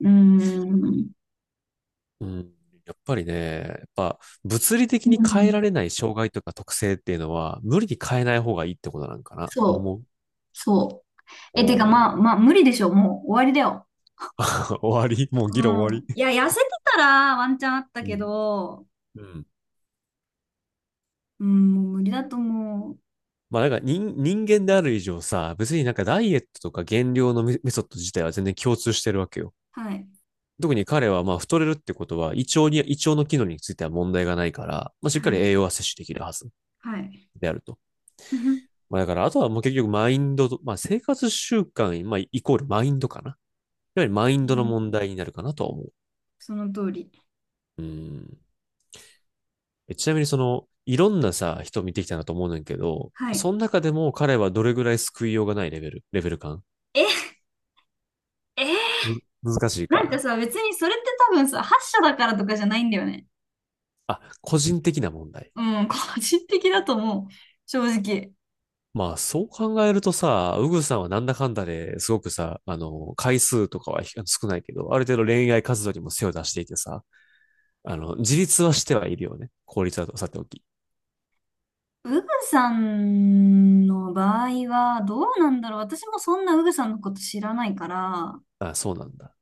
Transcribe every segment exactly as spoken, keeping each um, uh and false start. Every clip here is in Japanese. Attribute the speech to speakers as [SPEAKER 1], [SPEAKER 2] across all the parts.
[SPEAKER 1] うーん。
[SPEAKER 2] うん。やっぱりね、やっぱ物理的に
[SPEAKER 1] う
[SPEAKER 2] 変え
[SPEAKER 1] ん。
[SPEAKER 2] られない障害とか特性っていうのは無理に変えない方がいいってことなんかなと
[SPEAKER 1] そう。
[SPEAKER 2] 思う。
[SPEAKER 1] そう。え、てか、
[SPEAKER 2] お
[SPEAKER 1] ま
[SPEAKER 2] ー
[SPEAKER 1] あ、まあ、無理でしょ。もう終わりだよ。
[SPEAKER 2] 終わり、もう
[SPEAKER 1] う
[SPEAKER 2] 議論終わ
[SPEAKER 1] ん。
[SPEAKER 2] り。
[SPEAKER 1] いや、痩せてたらワンチャンあった
[SPEAKER 2] う
[SPEAKER 1] け
[SPEAKER 2] ん。
[SPEAKER 1] ど、
[SPEAKER 2] うん。
[SPEAKER 1] うん、もう無理だと思う。
[SPEAKER 2] まあなんか人、人間である以上さ、別になんかダイエットとか減量のメメソッド自体は全然共通してるわけよ。
[SPEAKER 1] はい。
[SPEAKER 2] 特に彼はまあ太れるってことは胃腸に、胃腸の機能については問題がないから、まあしっか
[SPEAKER 1] は
[SPEAKER 2] り
[SPEAKER 1] い。
[SPEAKER 2] 栄養は摂取できるはず
[SPEAKER 1] はい。
[SPEAKER 2] であると。
[SPEAKER 1] うん。
[SPEAKER 2] まあだからあとはもう結局マインドと、まあ生活習慣、まあイコールマインドかな。やはりマインドの問題になるかなとは思う。
[SPEAKER 1] その通り。
[SPEAKER 2] うん。えちなみにその、いろんなさ、人見てきたなと思うねんけど、
[SPEAKER 1] はい。
[SPEAKER 2] その中でも彼はどれぐらい救いようがないレベル、レベル感
[SPEAKER 1] え、えー
[SPEAKER 2] む難しい
[SPEAKER 1] なんか
[SPEAKER 2] か。
[SPEAKER 1] さ、別にそれって多分さ、発射だからとかじゃないんだよね。
[SPEAKER 2] あ、個人的な問題。
[SPEAKER 1] うん、個人的だと思う。正直。
[SPEAKER 2] まあ、そう考えるとさ、ウグさんはなんだかんだですごくさ、あの、回数とかはひ少ないけど、ある程度恋愛活動にも背を出していてさ、あの、自立はしてはいるよね。効率はさておき。
[SPEAKER 1] ウグさんの場合はどうなんだろう。私もそんなウグさんのこと知らないから、
[SPEAKER 2] あ、そうなんだ。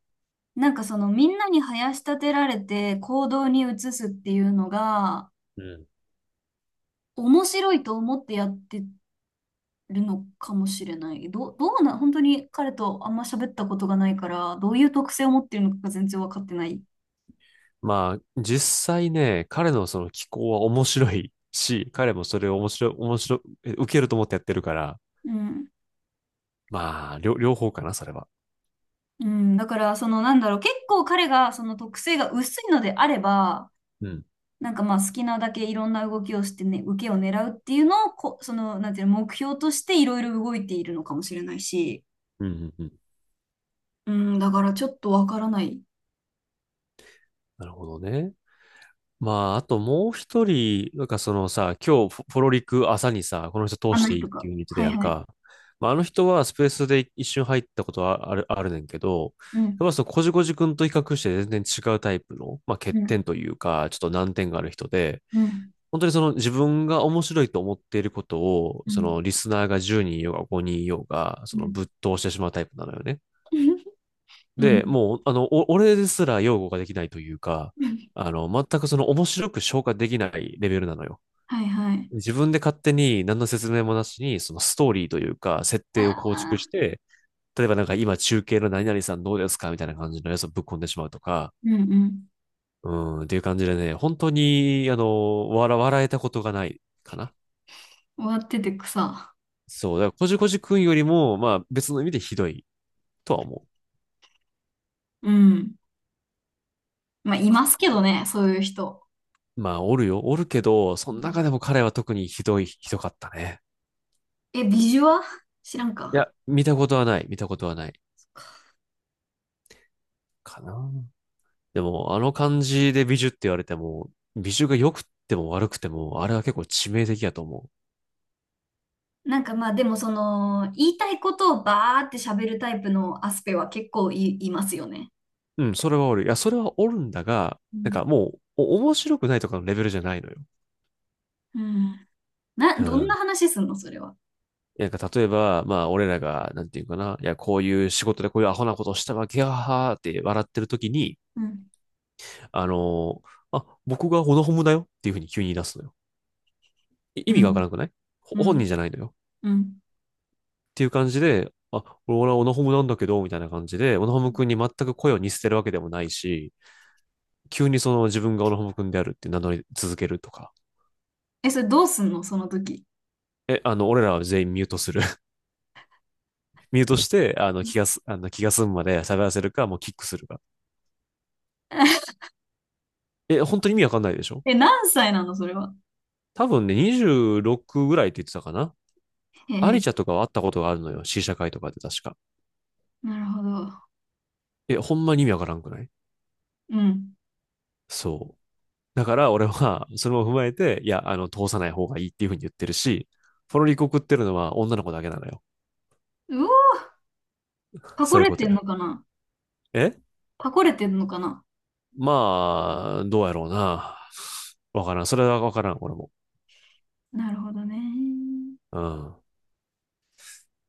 [SPEAKER 1] なんかそのみんなに囃し立てられて行動に移すっていうのが
[SPEAKER 2] うん。
[SPEAKER 1] 面白いと思ってやってるのかもしれない。どう、どうな、本当に彼とあんま喋ったことがないから、どういう特性を持ってるのかが全然わかってない。
[SPEAKER 2] まあ、実際ね、彼のその気候は面白いし、彼もそれを面白い、面白い、え受けると思ってやってるから、
[SPEAKER 1] うん。
[SPEAKER 2] まあ、両、両方かな、それは。
[SPEAKER 1] うん。だからそのなんだろう。結構彼がその特性が薄いのであれば、
[SPEAKER 2] うん。
[SPEAKER 1] なんかまあ好きなだけいろんな動きをしてね、受けを狙うっていうのをこ、その、なんていうの、目標としていろいろ動いているのかもしれないし、
[SPEAKER 2] うん、うん、うん。
[SPEAKER 1] うん、だからちょっとわからない。
[SPEAKER 2] なるほどね。まあ、あともう一人、なんかそのさ、今日フォフォロリク朝にさ、この人
[SPEAKER 1] あ
[SPEAKER 2] 通し
[SPEAKER 1] の
[SPEAKER 2] ていい
[SPEAKER 1] 人
[SPEAKER 2] って
[SPEAKER 1] が。
[SPEAKER 2] いう風に言ってた
[SPEAKER 1] はい
[SPEAKER 2] やん
[SPEAKER 1] はい。
[SPEAKER 2] か。まあ、あの人はスペースで一瞬入ったことはある、あるねんけど、
[SPEAKER 1] うん、
[SPEAKER 2] やっぱそのこじこじくんと比較して全然違うタイプの、まあ、欠
[SPEAKER 1] うん、
[SPEAKER 2] 点というか、ちょっと難点がある人で、
[SPEAKER 1] うん、
[SPEAKER 2] 本当にその自分が面白いと思っていることを、
[SPEAKER 1] う
[SPEAKER 2] そ
[SPEAKER 1] ん、
[SPEAKER 2] のリスナーがじゅうにんいようがごにんいようが、そ
[SPEAKER 1] う
[SPEAKER 2] の
[SPEAKER 1] ん。
[SPEAKER 2] ぶっ通してしまうタイプなのよね。
[SPEAKER 1] う
[SPEAKER 2] で、
[SPEAKER 1] ん。
[SPEAKER 2] もう、あの、お俺ですら擁護ができないというか、あの、全くその面白く消化できないレベルなのよ。
[SPEAKER 1] はいはい。
[SPEAKER 2] 自分で勝手に何の説明もなしに、そのストーリーというか、設定を
[SPEAKER 1] あ
[SPEAKER 2] 構築
[SPEAKER 1] あ、
[SPEAKER 2] して、例えばなんか今中継の何々さんどうですかみたいな感じのやつをぶっ込んでしまうとか、
[SPEAKER 1] うんうん。
[SPEAKER 2] うん、っていう感じでね、本当に、あの、笑、笑えたことがないかな。
[SPEAKER 1] 終わってて草。
[SPEAKER 2] そう、だからこじこじくんよりも、まあ別の意味でひどいとは思う
[SPEAKER 1] うん。まあ、いま
[SPEAKER 2] か
[SPEAKER 1] すけ
[SPEAKER 2] な。
[SPEAKER 1] どね、そういう人。
[SPEAKER 2] まあおるよ、おるけど、そ
[SPEAKER 1] う
[SPEAKER 2] の中
[SPEAKER 1] ん、
[SPEAKER 2] でも彼は特にひどい、ひどかったね。
[SPEAKER 1] え、ビジュア知らん
[SPEAKER 2] い
[SPEAKER 1] か。
[SPEAKER 2] や、見たことはない、見たことはないかな。でも、あの感じで美女って言われても、美女が良くても悪くても、あれは結構致命的やと思
[SPEAKER 1] なんかまあでもその言いたいことをバーって喋るタイプのアスペは結構い、いますよね。
[SPEAKER 2] う。うん、それはおる。いや、それはおるんだが、
[SPEAKER 1] う
[SPEAKER 2] なん
[SPEAKER 1] ん。
[SPEAKER 2] かもう、お面白くないとかのレベルじゃないのよ。
[SPEAKER 1] うん、な、
[SPEAKER 2] う
[SPEAKER 1] どんな
[SPEAKER 2] ん。
[SPEAKER 1] 話すんのそれは。
[SPEAKER 2] いや、なんか例えば、まあ、俺らが、なんていうかな、いや、こういう仕事でこういうアホなことをしたわけやはーって笑ってる時に、
[SPEAKER 1] うん。
[SPEAKER 2] あのーあ、僕がオノホムだよっていうふうに急に言い出すのよ。い意
[SPEAKER 1] う
[SPEAKER 2] 味がわか
[SPEAKER 1] ん。
[SPEAKER 2] らなくない？ほ
[SPEAKER 1] う
[SPEAKER 2] 本人
[SPEAKER 1] ん。
[SPEAKER 2] じゃないのよ。
[SPEAKER 1] うん。
[SPEAKER 2] っていう感じで、あ、俺はオナホムなんだけど、みたいな感じで、オナホム君に全く声を似せてるわけでもないし、急にその自分がオナホム君であるって名乗り続けるとか。
[SPEAKER 1] え、それどうすんのその時。
[SPEAKER 2] え、あの、俺らは全員ミュートする。ミュートして、あの、気がす、あの、気が済むまで喋らせるか、もうキックするか。え、本当に意味わかんないでしょ？
[SPEAKER 1] え、何歳なのそれは。
[SPEAKER 2] 多分ね、にじゅうろくぐらいって言ってたかな。
[SPEAKER 1] え
[SPEAKER 2] アリ
[SPEAKER 1] ー、
[SPEAKER 2] チャとかは会ったことがあるのよ。試写会とかで確か。
[SPEAKER 1] なるほど。
[SPEAKER 2] え、ほんまに意味わからんくない？
[SPEAKER 1] うん。
[SPEAKER 2] そう。だから俺は、それも踏まえて、いや、あの、通さない方がいいっていうふうに言ってるし、ポロリコ食ってるのは女の子だけなのよ。
[SPEAKER 1] うおー、パコ
[SPEAKER 2] そういう
[SPEAKER 1] れ
[SPEAKER 2] こ
[SPEAKER 1] て
[SPEAKER 2] と
[SPEAKER 1] ん
[SPEAKER 2] や。
[SPEAKER 1] のかな。
[SPEAKER 2] え
[SPEAKER 1] パコれてんのかな。
[SPEAKER 2] まあ、どうやろうな。わからん。それはわからん、俺も。
[SPEAKER 1] なるほどね。
[SPEAKER 2] うん。っ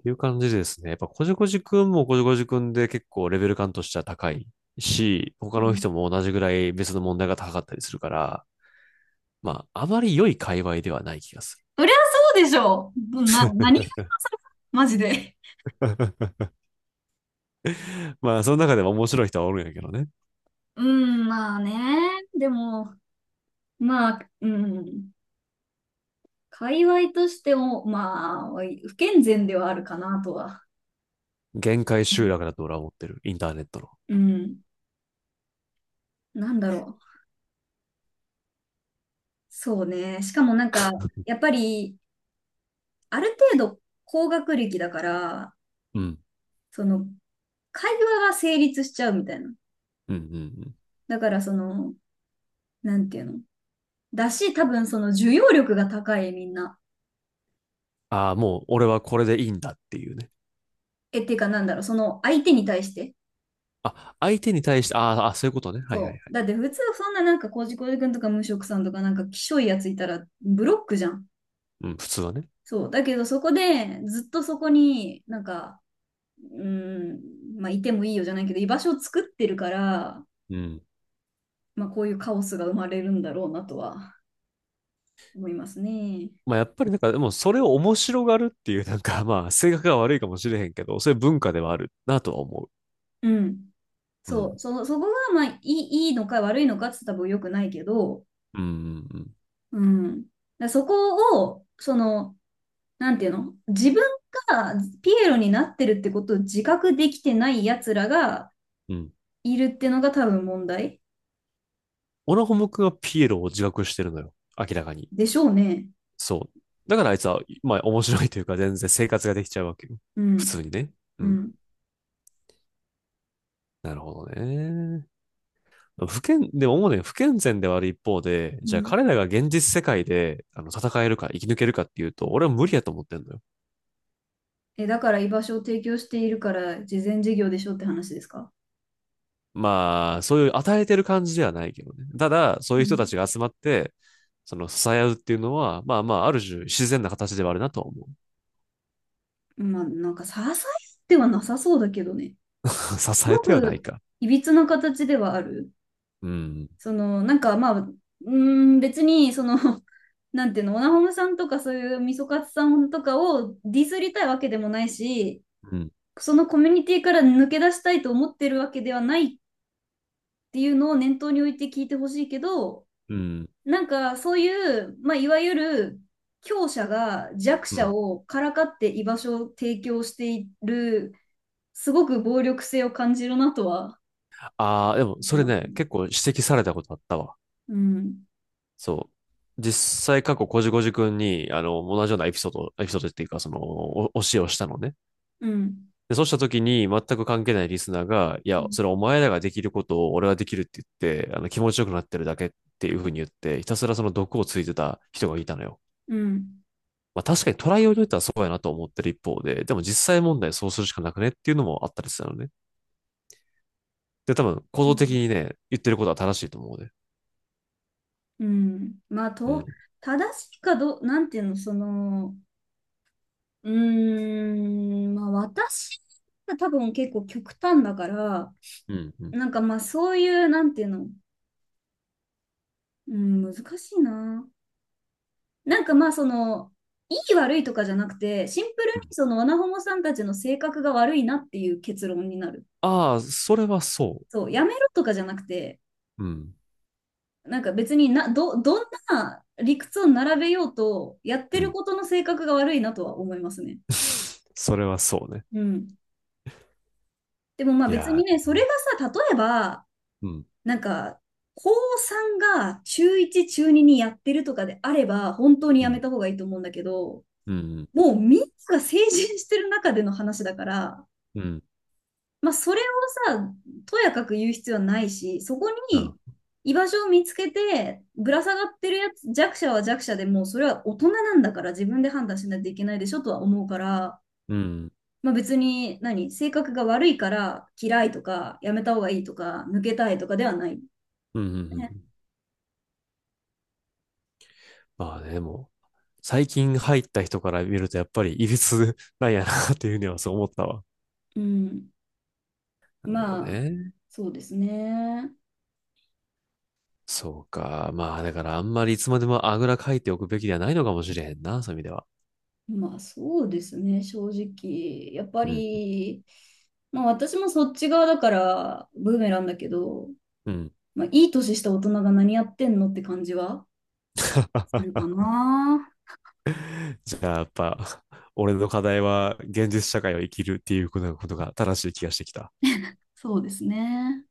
[SPEAKER 2] ていう感じですね。やっぱ、こじこじくんもこじこじくんで結構レベル感としては高いし、
[SPEAKER 1] う
[SPEAKER 2] 他の
[SPEAKER 1] ん。
[SPEAKER 2] 人も同じぐらい別の問題が高かったりするから、まあ、あまり良い界隈ではない気がす
[SPEAKER 1] そりゃそうでしょう。な、何が
[SPEAKER 2] る。
[SPEAKER 1] それマジで。
[SPEAKER 2] まあ、その中でも面白い人はおるんやけどね。
[SPEAKER 1] うん、まあね。でも、まあ、うん。界隈としても、まあ、不健全ではあるかなとは。
[SPEAKER 2] 限界集落だと俺は思ってる。インターネットの。
[SPEAKER 1] うん。なんだろう。そうね。しかもなんか、やっぱり、ある程度高学歴だから、
[SPEAKER 2] うん。
[SPEAKER 1] その、会話が成立しちゃうみたいな。
[SPEAKER 2] うんうんうん。
[SPEAKER 1] だから、その、なんていうの。だし、多分、その、受容力が高い、みんな。
[SPEAKER 2] ああ、もう俺はこれでいいんだっていうね。
[SPEAKER 1] え、っていうか、なんだろう。その、相手に対して。
[SPEAKER 2] あ、相手に対して、あーあ、そういうことね。はいはいはい。
[SPEAKER 1] そう。だって、普通、そんななんか、コージコージ君とか、無職さんとか、なんか、きしょいやついたら、ブロックじゃん。
[SPEAKER 2] うん、普通はね。
[SPEAKER 1] そう。だけどそこでずっとそこになんか、うん、まあいてもいいよじゃないけど、居場所を作ってるから、
[SPEAKER 2] うん。
[SPEAKER 1] まあこういうカオスが生まれるんだろうなとは思いますね。
[SPEAKER 2] まあやっぱりなんか、でもそれを面白がるっていう、なんかまあ性格が悪いかもしれへんけど、そういう文化ではあるなとは思
[SPEAKER 1] うん。
[SPEAKER 2] う。う
[SPEAKER 1] そう。
[SPEAKER 2] ん。
[SPEAKER 1] そ、そこがまあいい、いいのか悪いのかって言ったら多分良くないけど、
[SPEAKER 2] うんうん
[SPEAKER 1] うん。だからそこを、その、なんていうの、自分がピエロになってるってことを自覚できてない奴らが
[SPEAKER 2] うん。うん。
[SPEAKER 1] いるってのが多分問題
[SPEAKER 2] オナホモ君はピエロを自覚してるのよ。明らかに。
[SPEAKER 1] でしょうね。
[SPEAKER 2] そう。だからあいつは、まあ面白いというか全然生活ができちゃうわけよ。
[SPEAKER 1] う
[SPEAKER 2] 普
[SPEAKER 1] ん。
[SPEAKER 2] 通にね。う
[SPEAKER 1] う
[SPEAKER 2] ん。
[SPEAKER 1] ん。
[SPEAKER 2] なるほどね。不健、でも思うね、不健全ではある一方で、
[SPEAKER 1] う
[SPEAKER 2] じゃあ
[SPEAKER 1] ん、
[SPEAKER 2] 彼らが現実世界であの戦えるか生き抜けるかっていうと、俺は無理やと思ってんのよ。
[SPEAKER 1] え、だから居場所を提供しているから慈善事業でしょって話ですか。
[SPEAKER 2] まあ、そういう与えてる感じではないけどね。ただ、そう
[SPEAKER 1] う
[SPEAKER 2] いう人た
[SPEAKER 1] ん。
[SPEAKER 2] ちが集まって、その支え合うっていうのは、まあまあ、ある種自然な形ではあるなと思
[SPEAKER 1] まあ、なんか、支えてはなさそうだけどね。
[SPEAKER 2] う。
[SPEAKER 1] す
[SPEAKER 2] 支え
[SPEAKER 1] ご
[SPEAKER 2] てはない
[SPEAKER 1] く、
[SPEAKER 2] か。
[SPEAKER 1] いびつな形ではある。
[SPEAKER 2] うん。
[SPEAKER 1] その、なんか、まあ、うーん、別に、その、なんていうの、オナホムさんとかそういうみそかつさんとかをディスりたいわけでもないし、
[SPEAKER 2] うん。
[SPEAKER 1] そのコミュニティから抜け出したいと思ってるわけではないっていうのを念頭に置いて聞いてほしいけど、
[SPEAKER 2] うん。
[SPEAKER 1] なんかそういう、まあ、いわゆる強者が弱
[SPEAKER 2] う
[SPEAKER 1] 者
[SPEAKER 2] ん。
[SPEAKER 1] をからかって居場所を提供している、すごく暴力性を感じるなとは。
[SPEAKER 2] ああ、でも
[SPEAKER 1] う
[SPEAKER 2] それ
[SPEAKER 1] ん、
[SPEAKER 2] ね、結構指摘されたことあったわ。
[SPEAKER 1] うん、
[SPEAKER 2] そう。実際過去こじこじくんに、あの、同じようなエピソード、エピソードっていうか、その、お教えをしたのね。
[SPEAKER 1] うん、
[SPEAKER 2] で、そうした時に全く関係ないリスナーが、い
[SPEAKER 1] う
[SPEAKER 2] や、
[SPEAKER 1] ん、
[SPEAKER 2] それお前らができることを俺はできるって言って、あの、気持ちよくなってるだけっていうふうに言って、ひたすらその毒をついてた人がいたのよ。
[SPEAKER 1] うん。
[SPEAKER 2] まあ確かにトライを言ったらそうやなと思ってる一方で、でも実際問題そうするしかなくねっていうのもあったりしたのね。で、多分、行動的にね、言ってることは正しいと思うね。
[SPEAKER 1] まあ、
[SPEAKER 2] う
[SPEAKER 1] と、
[SPEAKER 2] ん。
[SPEAKER 1] 正しいかどう、なんていうの、その、うーん、まあ私が多分結構極端だから、
[SPEAKER 2] うん。うん。
[SPEAKER 1] なんかまあそういう、なんていうの、うん、難しいな。なんかまあその、いい悪いとかじゃなくて、シンプルにそのワナホモさんたちの性格が悪いなっていう結論になる。
[SPEAKER 2] ああ、それはそ
[SPEAKER 1] そう、やめろとかじゃなくて、
[SPEAKER 2] う。うん。
[SPEAKER 1] なんか別にな、ど、どんな理屈を並べようと、やって
[SPEAKER 2] う
[SPEAKER 1] る
[SPEAKER 2] ん。
[SPEAKER 1] ことの性格が悪いなとは思いますね。
[SPEAKER 2] それはそうね。
[SPEAKER 1] うん。でもまあ
[SPEAKER 2] い
[SPEAKER 1] 別に
[SPEAKER 2] やー、
[SPEAKER 1] ね、それがさ、例えば、
[SPEAKER 2] うん。
[SPEAKER 1] なんか、高こうが中いち、中ににやってるとかであれば、本当に
[SPEAKER 2] う
[SPEAKER 1] やめ
[SPEAKER 2] ん。
[SPEAKER 1] た方がいいと思うんだけど、
[SPEAKER 2] うん。
[SPEAKER 1] もうみんなが成人してる中での話だから、
[SPEAKER 2] うん。
[SPEAKER 1] まあ、それをさ、とやかく言う必要はないし、そこに
[SPEAKER 2] あ、
[SPEAKER 1] 居場所を見つけて、ぶら下がってるやつ、弱者は弱者でもう、それは大人なんだから自分で判断しないといけないでしょとは思うから、
[SPEAKER 2] うん。
[SPEAKER 1] まあ別に何、性格が悪いから嫌いとか、やめた方がいいとか、抜けたいとかではない、
[SPEAKER 2] うん。う
[SPEAKER 1] ね。
[SPEAKER 2] ん。まあね、もう、最近入った人から見ると、やっぱり、いびつなんやな、っていうふうにはそう思ったわ。
[SPEAKER 1] うん。
[SPEAKER 2] なるほど
[SPEAKER 1] まあ、
[SPEAKER 2] ね。
[SPEAKER 1] そうですね。
[SPEAKER 2] そうか。まあ、だからあんまりいつまでもあぐらかいておくべきではないのかもしれへんな、そういう意味では。
[SPEAKER 1] まあそうですね、正直。やっぱ
[SPEAKER 2] うん。
[SPEAKER 1] り、まあ私もそっち側だから、ブーメランだけど、
[SPEAKER 2] うん。
[SPEAKER 1] まあ、いい年した大人が何やってんのって感じはするか な。
[SPEAKER 2] じゃあ、やっぱ、俺の課題は現実社会を生きるっていうことが正しい気がしてきた。
[SPEAKER 1] そうですね。